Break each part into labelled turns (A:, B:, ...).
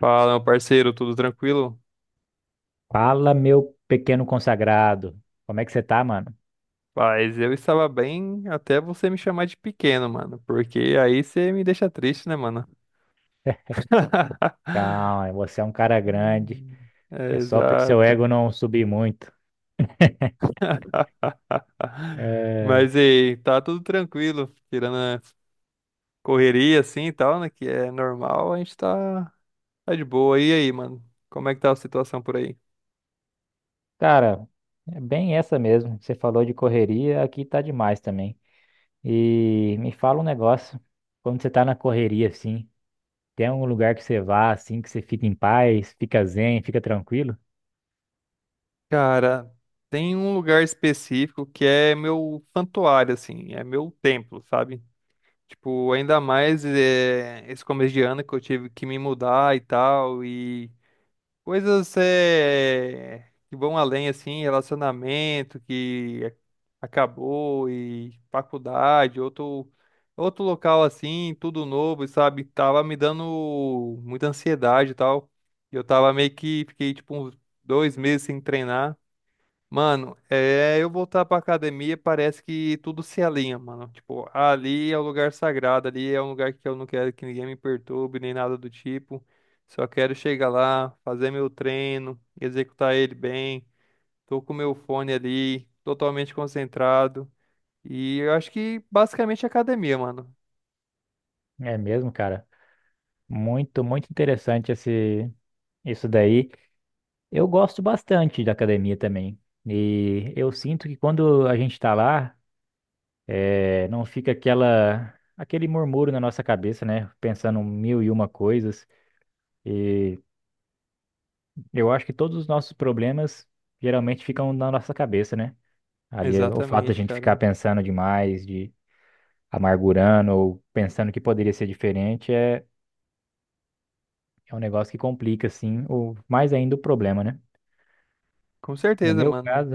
A: Fala, meu parceiro, tudo tranquilo?
B: Fala, meu pequeno consagrado. Como é que você tá, mano?
A: Paz, eu estava bem até você me chamar de pequeno, mano, porque aí você me deixa triste, né, mano?
B: Calma, você é um cara grande.
A: Hum, é,
B: É só pro seu
A: exato.
B: ego não subir muito. É,
A: Mas aí, tá tudo tranquilo, tirando a correria assim e tal, né, que é normal, a gente tá de boa. E aí, mano, como é que tá a situação por aí?
B: cara, é bem essa mesmo. Você falou de correria, aqui tá demais também. E me fala um negócio. Quando você tá na correria, assim, tem algum lugar que você vá, assim, que você fica em paz, fica zen, fica tranquilo?
A: Cara, tem um lugar específico que é meu santuário, assim, é meu templo, sabe? Tipo, ainda mais esse começo de ano que eu tive que me mudar e tal, e coisas que vão além, assim, relacionamento que acabou, e faculdade, outro local assim, tudo novo, sabe? Tava me dando muita ansiedade e tal. E eu tava meio que fiquei tipo uns dois meses sem treinar. Mano, é, eu voltar pra academia parece que tudo se alinha, mano. Tipo, ali é o lugar sagrado, ali é um lugar que eu não quero que ninguém me perturbe, nem nada do tipo. Só quero chegar lá, fazer meu treino, executar ele bem. Tô com meu fone ali, totalmente concentrado. E eu acho que basicamente é academia, mano.
B: É mesmo, cara. Muito, muito interessante isso daí. Eu gosto bastante da academia também. E eu sinto que quando a gente tá lá, não fica aquele murmúrio na nossa cabeça, né? Pensando mil e uma coisas. E eu acho que todos os nossos problemas geralmente ficam na nossa cabeça, né? Ali, o fato da
A: Exatamente,
B: gente ficar
A: cara.
B: pensando demais, de amargurando ou pensando que poderia ser diferente é um negócio que complica, assim, o, mais ainda o problema, né?
A: Com
B: No
A: certeza,
B: meu
A: mano.
B: caso,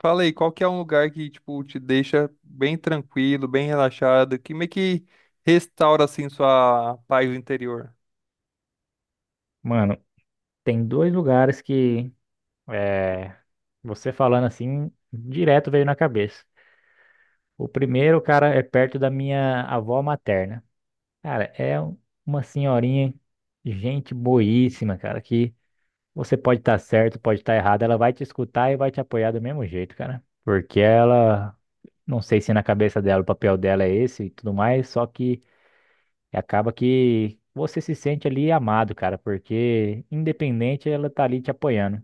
A: Fala aí, qual que é um lugar que, tipo, te deixa bem tranquilo, bem relaxado, que meio que restaura, assim, sua paz interior?
B: mano, tem dois lugares que. É, você falando assim, direto veio na cabeça. O primeiro, cara, é perto da minha avó materna. Cara, é uma senhorinha, gente boíssima, cara, que você pode estar certo, pode estar errado, ela vai te escutar e vai te apoiar do mesmo jeito, cara. Porque ela, não sei se na cabeça dela o papel dela é esse e tudo mais, só que acaba que você se sente ali amado, cara, porque independente ela tá ali te apoiando,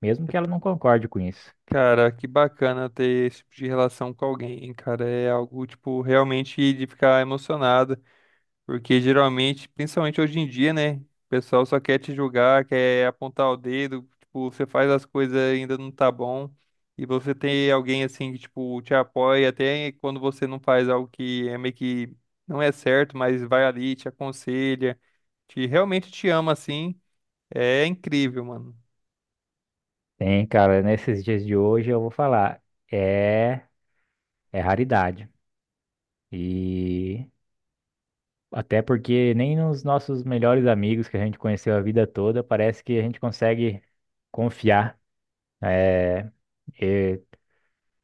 B: mesmo que ela não concorde com isso.
A: Cara, que bacana ter esse tipo de relação com alguém, cara. É algo, tipo, realmente de ficar emocionado. Porque geralmente, principalmente hoje em dia, né? O pessoal só quer te julgar, quer apontar o dedo, tipo, você faz as coisas e ainda não tá bom. E você tem alguém assim que, tipo, te apoia até quando você não faz algo que é meio que não é certo, mas vai ali, te aconselha, te realmente te ama assim. É incrível, mano.
B: Tem, cara, nesses dias de hoje eu vou falar, é, é raridade. E até porque nem nos nossos melhores amigos que a gente conheceu a vida toda, parece que a gente consegue confiar. É, eu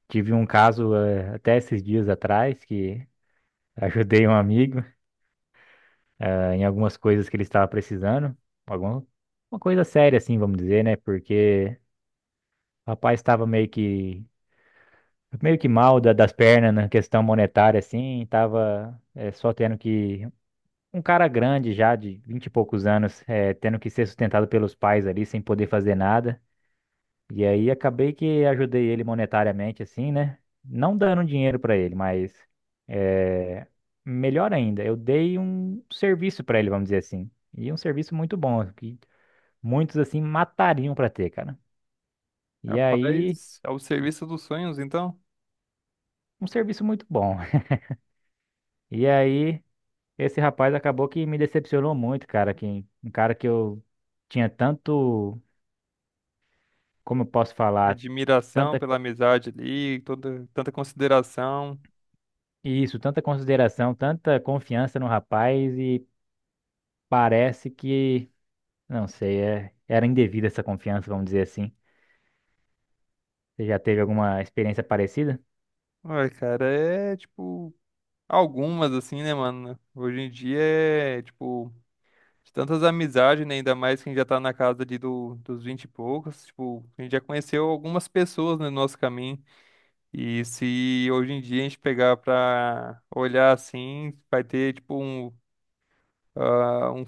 B: tive um caso até esses dias atrás que ajudei um amigo em algumas coisas que ele estava precisando, alguma uma coisa séria assim, vamos dizer, né? Porque o rapaz estava meio que mal das pernas na questão monetária, assim, tava só tendo que. Um cara grande já, de 20 e poucos anos, tendo que ser sustentado pelos pais ali, sem poder fazer nada. E aí acabei que ajudei ele monetariamente, assim, né? Não dando dinheiro pra ele, mas eh, melhor ainda, eu dei um serviço pra ele, vamos dizer assim. E um serviço muito bom, que muitos, assim, matariam pra ter, cara. E aí,
A: Rapaz, ao serviço dos sonhos, então.
B: um serviço muito bom. E aí. Esse rapaz acabou que me decepcionou muito, cara. Que, um cara que eu tinha tanto, como eu posso falar,
A: Admiração
B: tanta
A: pela amizade ali, toda, tanta consideração.
B: isso, tanta consideração, tanta confiança no rapaz e parece que, não sei, era indevida essa confiança, vamos dizer assim. Você já teve alguma experiência parecida?
A: Ai, cara, é tipo. Algumas, assim, né, mano? Hoje em dia é, tipo, de tantas amizades, né? Ainda mais quem já tá na casa dos 20 e poucos. Tipo, a gente já conheceu algumas pessoas né, no nosso caminho. E se hoje em dia a gente pegar pra olhar assim, vai ter, tipo, ah, um-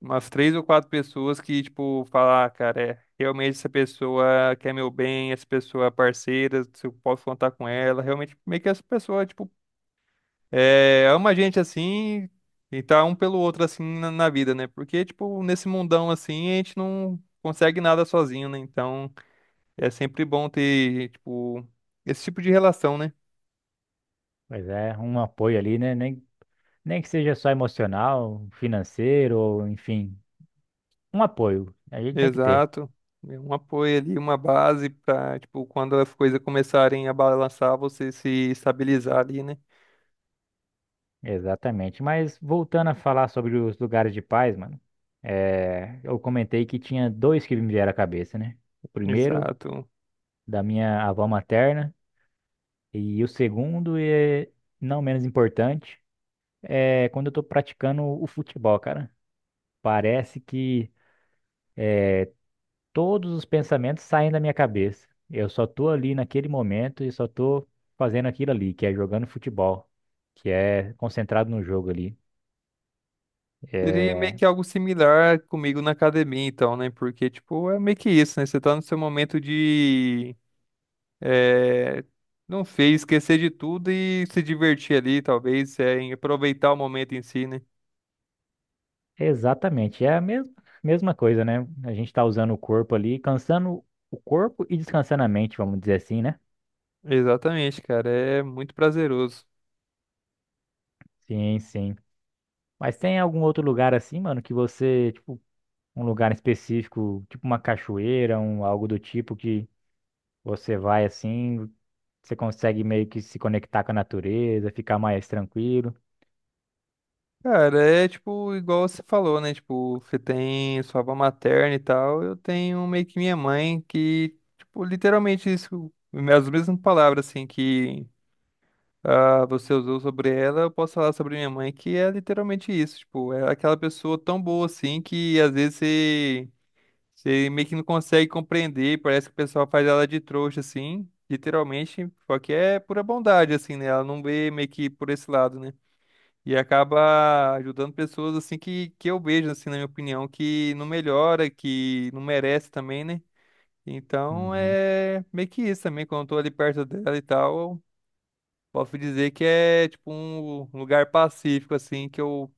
A: umas três ou quatro pessoas que, tipo, falar, "Ah, cara, é, realmente essa pessoa quer meu bem, essa pessoa é parceira, se eu posso contar com ela. Realmente, meio que essa pessoa, tipo, é, ama a gente assim e tá um pelo outro assim na vida, né? Porque, tipo, nesse mundão assim, a gente não consegue nada sozinho, né? Então é sempre bom ter, tipo, esse tipo de relação, né?
B: Pois é, um apoio ali, né? Nem que seja só emocional, financeiro, ou enfim, um apoio. A gente tem que ter.
A: Exato. Um apoio ali, uma base pra, tipo, quando as coisas começarem a balançar, você se estabilizar ali, né?
B: Exatamente. Mas voltando a falar sobre os lugares de paz, mano, é, eu comentei que tinha dois que me vieram à cabeça, né? O primeiro,
A: Exato.
B: da minha avó materna, e o segundo, e não menos importante, é quando eu tô praticando o futebol, cara. Parece que todos os pensamentos saem da minha cabeça. Eu só tô ali naquele momento e só tô fazendo aquilo ali, que é jogando futebol, que é concentrado no jogo ali.
A: Seria meio
B: É,
A: que algo similar comigo na academia, então, né? Porque, tipo, é meio que isso, né? Você tá no seu momento de É, não sei, esquecer de tudo e se divertir ali, talvez, é, em aproveitar o momento em si, né?
B: exatamente, é a mesma coisa, né? A gente tá usando o corpo ali, cansando o corpo e descansando a mente, vamos dizer assim, né?
A: Exatamente, cara, é muito prazeroso.
B: Sim, sim. Mas tem algum outro lugar assim, mano, que você, tipo, um lugar específico, tipo uma cachoeira, algo do tipo que você vai assim, você consegue meio que se conectar com a natureza, ficar mais tranquilo.
A: Cara, é tipo, igual você falou, né? Tipo, você tem sua avó materna e tal, eu tenho meio que minha mãe que, tipo, literalmente isso, as mesmas palavras, assim, que você usou sobre ela, eu posso falar sobre minha mãe, que é literalmente isso, tipo, é aquela pessoa tão boa, assim, que às vezes você. Meio que não consegue compreender, parece que o pessoal faz ela de trouxa, assim, literalmente, só que é pura bondade, assim, né? Ela não vê meio que por esse lado, né? E acaba ajudando pessoas, assim, que eu vejo, assim, na minha opinião, que não melhora, que não merece também, né? Então
B: Uhum.
A: é meio que isso também, quando eu tô ali perto dela e tal, eu posso dizer que é, tipo, um lugar pacífico, assim, que eu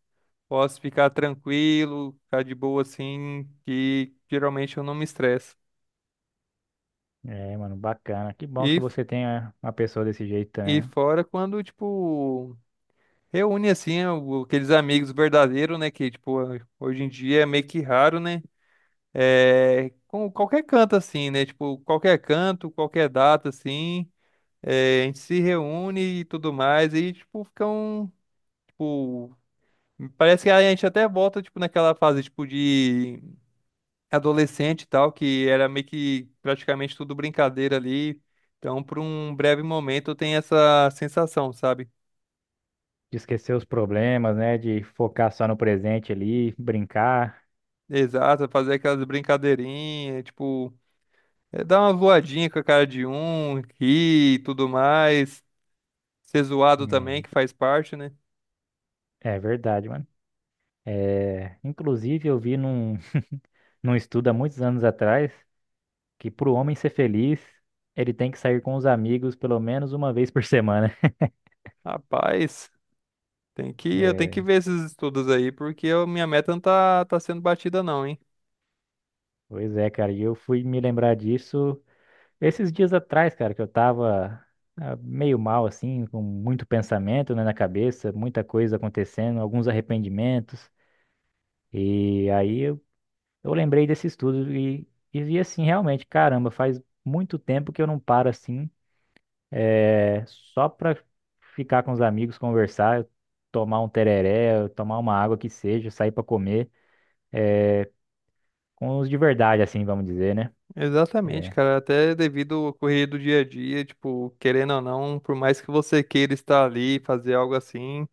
A: posso ficar tranquilo, ficar de boa, assim, que geralmente eu não me estresso.
B: É, mano, bacana. Que bom que
A: E
B: você tenha uma pessoa desse jeito
A: E
B: também.
A: fora quando, tipo, reúne assim aqueles amigos verdadeiros, né? Que, tipo, hoje em dia é meio que raro, né? É, com qualquer canto assim, né? Tipo, qualquer canto, qualquer data assim, é, a gente se reúne e tudo mais, e tipo, fica um, tipo, parece que a gente até volta, tipo, naquela fase, tipo, de adolescente e tal, que era meio que praticamente tudo brincadeira ali. Então, por um breve momento, tem essa sensação, sabe?
B: De esquecer os problemas, né? De focar só no presente ali, brincar.
A: Exato, fazer aquelas brincadeirinhas, tipo, é, dar uma voadinha com a cara de um, rir e tudo mais, ser zoado
B: É,
A: também, que faz parte, né?
B: é verdade, mano. É, inclusive, eu vi num estudo há muitos anos atrás que para o homem ser feliz, ele tem que sair com os amigos pelo menos uma vez por semana.
A: Rapaz, tem que, eu tenho que
B: É,
A: ver esses estudos aí, porque minha meta não tá sendo batida não, hein?
B: pois é, cara. E eu fui me lembrar disso esses dias atrás, cara, que eu tava. Ah, meio mal, assim, com muito pensamento, né, na cabeça, muita coisa acontecendo, alguns arrependimentos. E aí eu lembrei desse estudo e, vi assim, realmente, caramba, faz muito tempo que eu não paro assim, só pra ficar com os amigos, conversar, tomar um tereré, tomar uma água que seja, sair pra comer, é, com os de verdade, assim, vamos dizer, né?
A: Exatamente, cara, até devido ao correr do dia a dia, tipo, querendo ou não, por mais que você queira estar ali, fazer algo assim,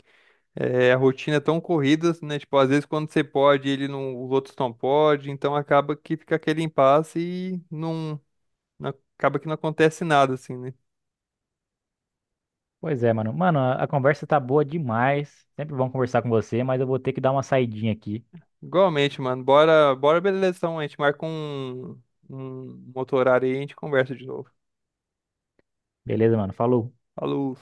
A: é, a rotina é tão corrida, né? Tipo, às vezes quando você pode, ele não, os outros não podem, então acaba que fica aquele impasse e não- acaba que não acontece nada, assim, né?
B: Pois é, mano. Mano, a conversa tá boa demais. Sempre bom conversar com você, mas eu vou ter que dar uma saidinha aqui.
A: Igualmente, mano, bora, bora, beleza, então, a gente marca um outro horário aí e a gente conversa de novo.
B: Beleza, mano? Falou.
A: Falou!